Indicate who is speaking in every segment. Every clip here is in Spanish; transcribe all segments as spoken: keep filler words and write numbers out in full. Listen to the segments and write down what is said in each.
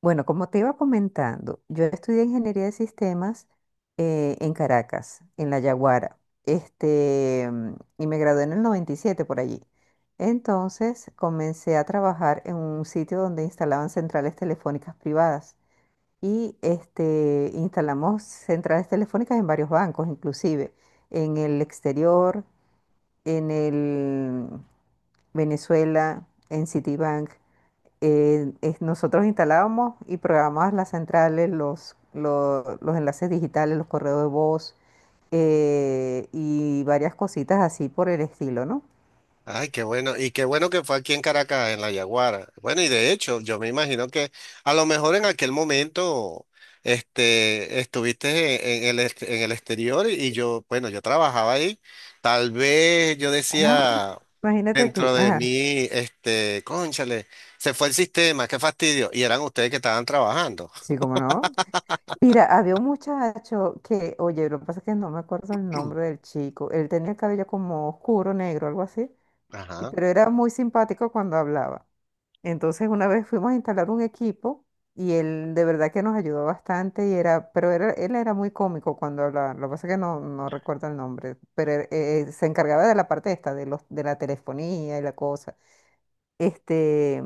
Speaker 1: Bueno, como te iba comentando, yo estudié ingeniería de sistemas eh, en Caracas, en La Yaguara, este, mm, y me gradué en el noventa y siete por allí. Entonces comencé a trabajar en un sitio donde instalaban centrales telefónicas privadas y este, instalamos centrales telefónicas en varios bancos, inclusive en el exterior, en el mm, Venezuela, en Citibank. Eh, es- nosotros instalábamos y programábamos las centrales, los, lo- los enlaces digitales, los correos de voz eh, y varias cositas así por el estilo, ¿no?
Speaker 2: Ay, qué bueno. Y qué bueno que fue aquí en Caracas, en La Yaguara. Bueno, y de hecho, yo me imagino que a lo mejor en aquel momento este, estuviste en, en el, ex- en el exterior y yo, bueno, yo trabajaba ahí. Tal vez yo
Speaker 1: Ah,
Speaker 2: decía
Speaker 1: imagínate tú.
Speaker 2: dentro de
Speaker 1: Ajá.
Speaker 2: mí, este, cónchale, se fue el sistema, qué fastidio. Y eran ustedes que estaban trabajando.
Speaker 1: Sí, cómo no. Mira, había un muchacho que, oye, lo que pasa es que no me acuerdo el nombre del chico. Él tenía el cabello como oscuro, negro, algo así, y-
Speaker 2: Ajá.
Speaker 1: pero era muy simpático cuando hablaba. Entonces una vez fuimos a instalar un equipo y él de verdad que nos ayudó bastante y era, pero era- él era muy cómico cuando hablaba, lo que pasa es que no, no recuerdo el nombre, pero él, eh, se encargaba de la parte esta, de los, de la telefonía y la cosa. Este,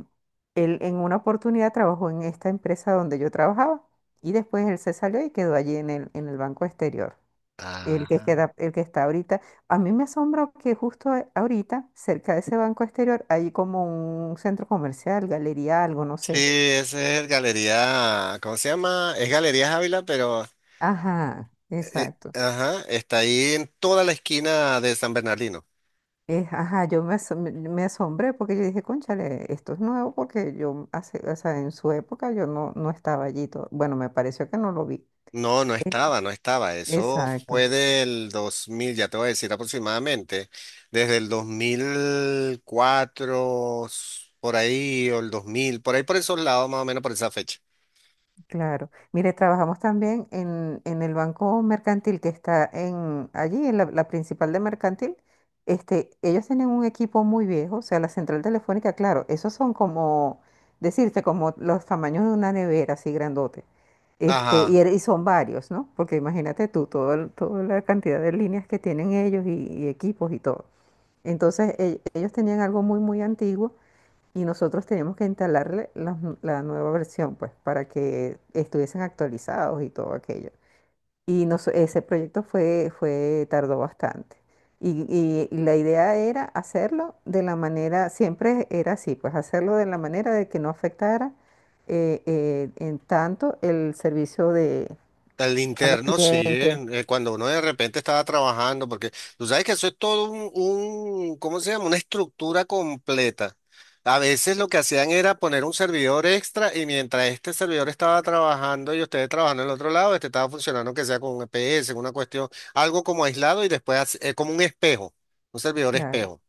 Speaker 1: él en una oportunidad trabajó en esta empresa donde yo trabajaba y después él se salió y quedó allí en el, en el Banco Exterior, el que
Speaker 2: Ah,
Speaker 1: queda, el que está ahorita. A mí me asombra que justo a- ahorita, cerca de ese banco exterior, hay como un centro comercial, galería, algo, no
Speaker 2: sí,
Speaker 1: sé.
Speaker 2: ese es el Galería, ¿cómo se llama? Es Galería Ávila, pero
Speaker 1: Ajá,
Speaker 2: eh,
Speaker 1: exacto.
Speaker 2: ajá, está ahí en toda la esquina de San Bernardino.
Speaker 1: Es, ajá, yo me, asom- me me asombré porque yo dije, cónchale, esto es nuevo porque yo hace, o sea, en su época yo no, no estaba allí todo. Bueno, me pareció que no lo vi.
Speaker 2: No, no
Speaker 1: E-
Speaker 2: estaba, no estaba. Eso
Speaker 1: Exacto.
Speaker 2: fue del dos mil, ya te voy a decir aproximadamente, desde el dos mil cuatro, s- por ahí, o el dos mil por ahí por esos lados, más o menos por esa fecha.
Speaker 1: Claro. Mire, trabajamos también en, en el Banco Mercantil que está en allí, en la, la principal de Mercantil. Este, ellos tienen un equipo muy viejo, o sea, la central telefónica, claro, esos son como, decirte, como los tamaños de una nevera, así grandote. Este, y,
Speaker 2: Ajá,
Speaker 1: era- y son varios, ¿no? Porque imagínate tú, todo, el- toda la cantidad de líneas que tienen ellos y, y equipos y todo. Entonces, e- ellos tenían algo muy, muy antiguo y nosotros teníamos que instalarle la, la nueva versión, pues, para que estuviesen actualizados y todo aquello. Y nos- ese proyecto fue, fue, tardó bastante. Y, y- la idea era hacerlo de la manera, siempre era así, pues hacerlo de la manera de que no afectara eh, eh, en tanto el servicio de,
Speaker 2: al
Speaker 1: a los
Speaker 2: interno, sí, eh,
Speaker 1: clientes.
Speaker 2: eh, cuando uno de repente estaba trabajando, porque tú sabes que eso es todo un, un, ¿cómo se llama? Una estructura completa. A veces lo que hacían era poner un servidor extra y mientras este servidor estaba trabajando y ustedes trabajando en el otro lado, este estaba funcionando que sea con un E P S, una cuestión, algo como aislado y después hace- eh, como un espejo, un servidor
Speaker 1: Claro.
Speaker 2: espejo.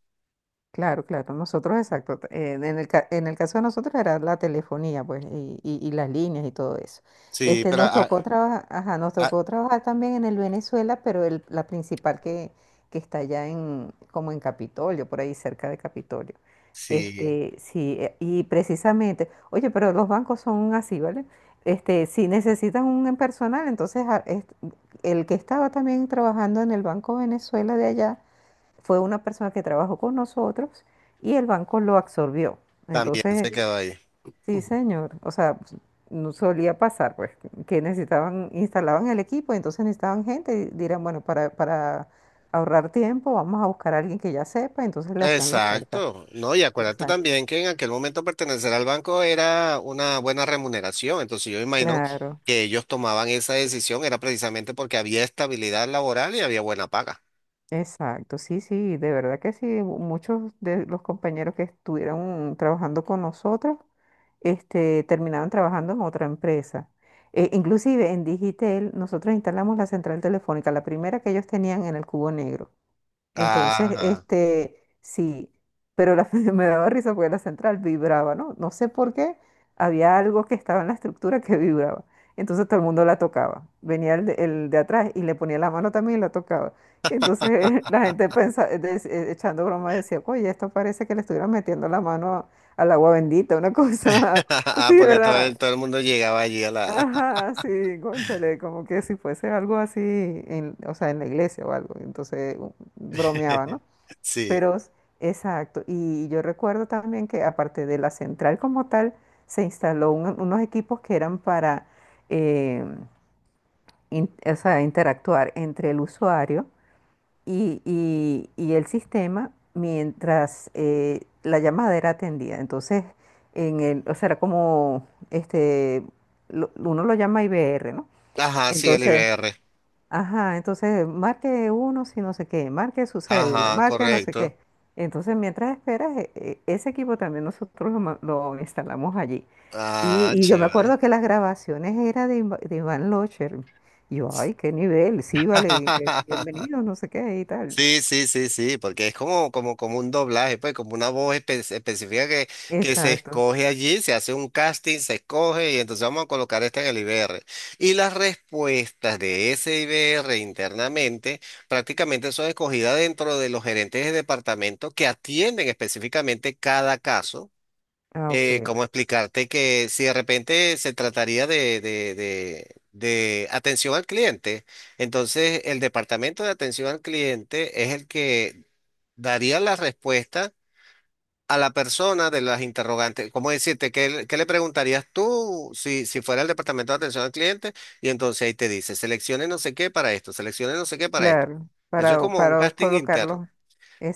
Speaker 1: Claro, claro, nosotros exacto. Eh, en el, ca- en el caso de nosotros era la telefonía, pues, y, y- y las líneas y todo eso.
Speaker 2: Sí,
Speaker 1: Este,
Speaker 2: pero
Speaker 1: nos
Speaker 2: ah,
Speaker 1: tocó trabajar, ajá, nos
Speaker 2: ah,
Speaker 1: tocó trabajar también en el Venezuela, pero el- la principal que, que está allá en, como en Capitolio, por ahí cerca de Capitolio.
Speaker 2: sí,
Speaker 1: Este, sí, eh, y precisamente, oye, pero los bancos son así, ¿vale? Este, si necesitan un personal, entonces a- es- el que estaba también trabajando en el Banco Venezuela de allá fue una persona que trabajó con nosotros y el banco lo absorbió.
Speaker 2: también
Speaker 1: Entonces,
Speaker 2: se quedó ahí.
Speaker 1: sí, señor, o sea, no solía pasar, pues, que necesitaban, instalaban el equipo, entonces necesitaban gente y dirán, bueno, para, para ahorrar tiempo, vamos a buscar a alguien que ya sepa, entonces le hacían la oferta.
Speaker 2: Exacto, ¿no? Y acuérdate
Speaker 1: Exacto.
Speaker 2: también que en aquel momento pertenecer al banco era una buena remuneración, entonces yo imagino
Speaker 1: Claro,
Speaker 2: que ellos tomaban esa decisión era precisamente porque había estabilidad laboral y había buena paga.
Speaker 1: exacto, sí, sí, de verdad que sí, mu- muchos de los compañeros que estuvieron trabajando con nosotros este, terminaron trabajando en otra empresa. Eh, inclusive en Digitel nosotros instalamos la central telefónica, la primera que ellos tenían en el Cubo Negro. Entonces,
Speaker 2: Ajá.
Speaker 1: este, sí, pero la, me daba risa porque la central vibraba, ¿no? No sé por qué, había algo que estaba en la estructura que vibraba. Entonces todo el mundo la tocaba. Venía el de, el de atrás y le ponía la mano también y la tocaba. Entonces la gente pensa, eh, des- eh, echando broma decía, oye, esto parece que le estuvieran metiendo la mano a- al agua bendita, una cosa,
Speaker 2: Ah,
Speaker 1: sí,
Speaker 2: porque todo
Speaker 1: ¿verdad?
Speaker 2: el, todo el mundo llegaba allí a la…
Speaker 1: Ajá, sí, cónchale, como que si fuese algo así, en, o sea, en la iglesia o algo. Entonces u- bromeaba, ¿no?
Speaker 2: Sí.
Speaker 1: Pero, exacto. Y yo recuerdo también que aparte de la central como tal, se instaló un- unos equipos que eran para eh, in- o sea, interactuar entre el usuario y, y- y el sistema mientras eh, la llamada era atendida. Entonces, en el, o sea, era como este, lo- uno lo llama I V R, ¿no?
Speaker 2: Ajá, sí, el
Speaker 1: Entonces,
Speaker 2: I B R.
Speaker 1: ajá, entonces marque uno si no sé qué, marque su cédula,
Speaker 2: Ajá,
Speaker 1: marque no sé
Speaker 2: correcto.
Speaker 1: qué. Entonces, mientras esperas, e- e- ese equipo también nosotros lo, ma- lo instalamos allí. Y,
Speaker 2: Ah,
Speaker 1: y yo me
Speaker 2: chévere.
Speaker 1: acuerdo que las grabaciones eran de, Iva- de Iván Locher. Y yo, ay, qué nivel, sí, vale, que bienvenido, no sé qué y tal.
Speaker 2: Sí, sí, sí, sí, porque es como, como, como un doblaje, pues, como una voz espe- específica que, que se
Speaker 1: Exacto.
Speaker 2: escoge allí, se hace un casting, se escoge y entonces vamos a colocar esta en el I B R. Y las respuestas de ese I B R internamente prácticamente son escogidas dentro de los gerentes de departamento que atienden específicamente cada caso.
Speaker 1: Ah,
Speaker 2: eh,
Speaker 1: ok.
Speaker 2: ¿cómo explicarte que si de repente se trataría de, de, de, de atención al cliente, entonces el departamento de atención al cliente es el que daría la respuesta a la persona de las interrogantes? ¿Cómo decirte? ¿Qué, le Qué le preguntarías tú si, si fuera el departamento de atención al cliente? Y entonces ahí te dice, seleccione no sé qué para esto, seleccione no sé qué para esto.
Speaker 1: Claro,
Speaker 2: Eso es
Speaker 1: para,
Speaker 2: como un
Speaker 1: para
Speaker 2: casting interno.
Speaker 1: colocarlo.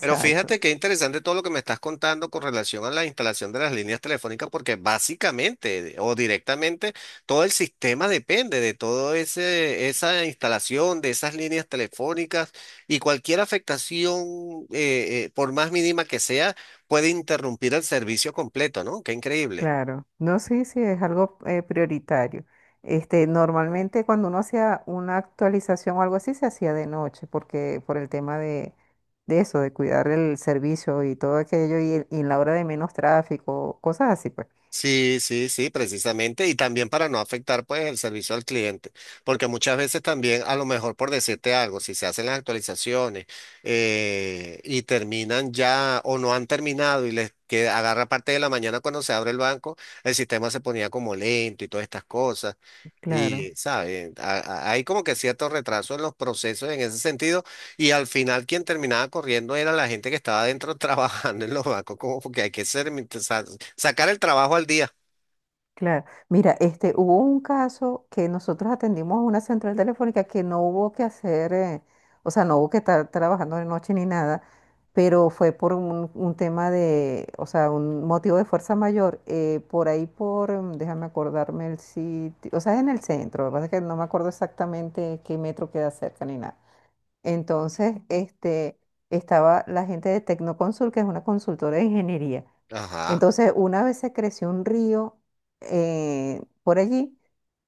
Speaker 2: Pero fíjate qué interesante todo lo que me estás contando con relación a la instalación de las líneas telefónicas, porque básicamente o directamente todo el sistema depende de todo ese, esa instalación de esas líneas telefónicas y cualquier afectación, eh, eh, por más mínima que sea, puede interrumpir el servicio completo, ¿no? Qué increíble.
Speaker 1: Claro, no, sí, sí, es algo eh, prioritario. Este, normalmente cuando uno hacía una actualización o algo así, se hacía de noche, porque por el tema de, de eso, de cuidar el servicio y todo aquello, y, el- y en la hora de menos tráfico, cosas así, pues.
Speaker 2: Sí, sí, sí, precisamente. Y también para no afectar pues el servicio al cliente, porque muchas veces también a lo mejor por decirte algo, si se hacen las actualizaciones eh, y terminan ya o no han terminado y les que agarra parte de la mañana cuando se abre el banco, el sistema se ponía como lento y todas estas cosas.
Speaker 1: Claro.
Speaker 2: Y, ¿sabes? A- a- Hay como que cierto retraso en los procesos en ese sentido y al final quien terminaba corriendo era la gente que estaba adentro trabajando en los bancos, como porque hay que ser, sa- sacar el trabajo al día.
Speaker 1: Claro, mira, este, hubo un caso que nosotros atendimos a una central telefónica que no hubo que hacer, eh, o sea, no hubo que estar trabajando de noche ni nada, pero fue por un, un tema de, o sea, un motivo de fuerza mayor, eh, por ahí por, mm, déjame acordarme el sitio, o sea, es en el centro, lo que pasa es que no me acuerdo exactamente qué metro queda cerca ni nada. Entonces, este, estaba la gente de Tecnoconsul, que es una consultora de ingeniería.
Speaker 2: Ajá.
Speaker 1: Entonces, una vez se creció un río eh, por allí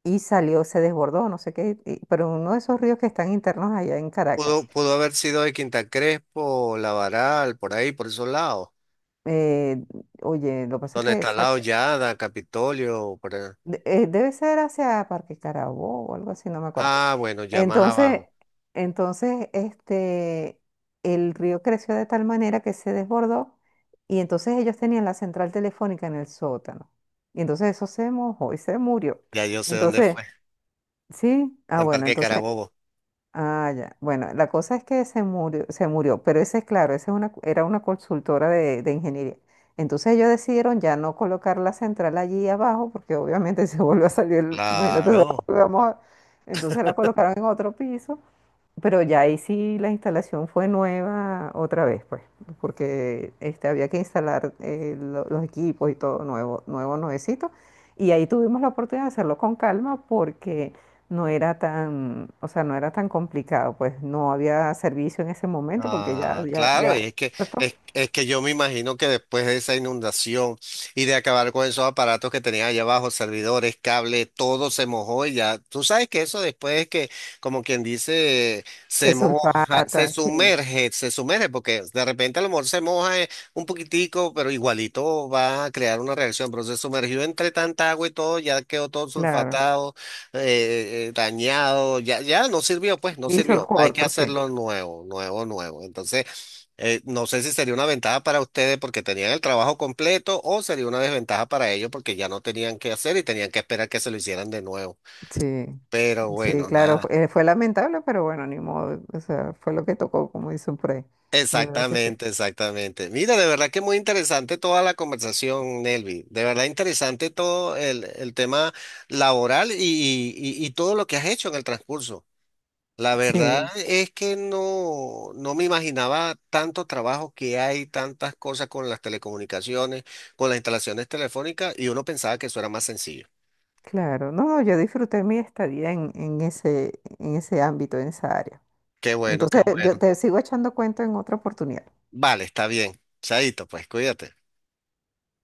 Speaker 1: y salió, se desbordó, no sé qué, y- pero uno de esos ríos que están internos allá en
Speaker 2: Pudo,
Speaker 1: Caracas.
Speaker 2: pudo haber sido de Quinta Crespo, Lavaral, por ahí, por esos lados.
Speaker 1: Eh, Oye, lo que pasa es
Speaker 2: Donde
Speaker 1: que
Speaker 2: está al lado
Speaker 1: exacta-
Speaker 2: Yada, Capitolio, por ahí.
Speaker 1: de- eh, debe ser hacia Parque Carabobo o algo así, no me acuerdo.
Speaker 2: Ah, bueno, ya más
Speaker 1: Entonces,
Speaker 2: abajo.
Speaker 1: entonces, este, el río creció de tal manera que se desbordó y entonces ellos tenían la central telefónica en el sótano. Y entonces eso se mojó y se murió.
Speaker 2: Ya yo sé dónde
Speaker 1: Entonces,
Speaker 2: fue.
Speaker 1: sí, ah,
Speaker 2: En
Speaker 1: bueno,
Speaker 2: Parque
Speaker 1: entonces,
Speaker 2: Carabobo.
Speaker 1: ah, ya. Bueno, la cosa es que se murió, se murió, pero ese es claro, esa es una, era una consultora de, de ingeniería. Entonces ellos decidieron ya no colocar la central allí abajo, porque obviamente se volvió a salir, el- imagínate, se
Speaker 2: Claro.
Speaker 1: volvió a mojar. Entonces la colocaron en otro piso, pero ya ahí sí la instalación fue nueva otra vez, pues, porque este, había que instalar eh, lo- los equipos y todo nuevo, nuevo, nuevecito. Y ahí tuvimos la oportunidad de hacerlo con calma porque no era tan, o sea, no era tan complicado, pues no había servicio en ese momento porque ya,
Speaker 2: Ah,
Speaker 1: ya,
Speaker 2: claro,
Speaker 1: ya,
Speaker 2: y es que,
Speaker 1: ¿cierto?
Speaker 2: es, es que yo me imagino que después de esa inundación y de acabar con esos aparatos que tenían allá abajo, servidores, cable, todo se mojó y ya, tú sabes que eso después es que, como quien dice,
Speaker 1: Se
Speaker 2: se moja, se
Speaker 1: sulfata, sí,
Speaker 2: sumerge, se sumerge, porque de repente a lo mejor se moja eh, un poquitico, pero igualito va a crear una reacción, pero se sumergió entre tanta agua y todo, ya quedó todo
Speaker 1: claro.
Speaker 2: sulfatado eh, eh, dañado, ya, ya no sirvió, pues no
Speaker 1: Hizo
Speaker 2: sirvió. Hay que
Speaker 1: corto, sí.
Speaker 2: hacerlo nuevo, nuevo, nuevo. Entonces, eh, no sé si sería una ventaja para ustedes porque tenían el trabajo completo o sería una desventaja para ellos porque ya no tenían que hacer y tenían que esperar que se lo hicieran de nuevo.
Speaker 1: Sí,
Speaker 2: Pero
Speaker 1: sí,
Speaker 2: bueno,
Speaker 1: claro,
Speaker 2: nada.
Speaker 1: fue, eh, fue lamentable, pero bueno, ni modo, o sea, fue lo que tocó, como dicen por ahí. De verdad que sí.
Speaker 2: Exactamente, exactamente. Mira, de verdad que muy interesante toda la conversación, Nelvi. De verdad interesante todo el, el tema laboral y, y y- y todo lo que has hecho en el transcurso. La verdad
Speaker 1: Sí,
Speaker 2: es que no, no me imaginaba tanto trabajo que hay, tantas cosas con las telecomunicaciones, con las instalaciones telefónicas, y uno pensaba que eso era más sencillo.
Speaker 1: claro. No, no, yo disfruté mi estadía en, en ese, en ese ámbito, en esa área.
Speaker 2: Qué bueno, qué
Speaker 1: Entonces, yo
Speaker 2: bueno.
Speaker 1: te sigo echando cuento en otra oportunidad.
Speaker 2: Vale, está bien. Chaito, pues cuídate.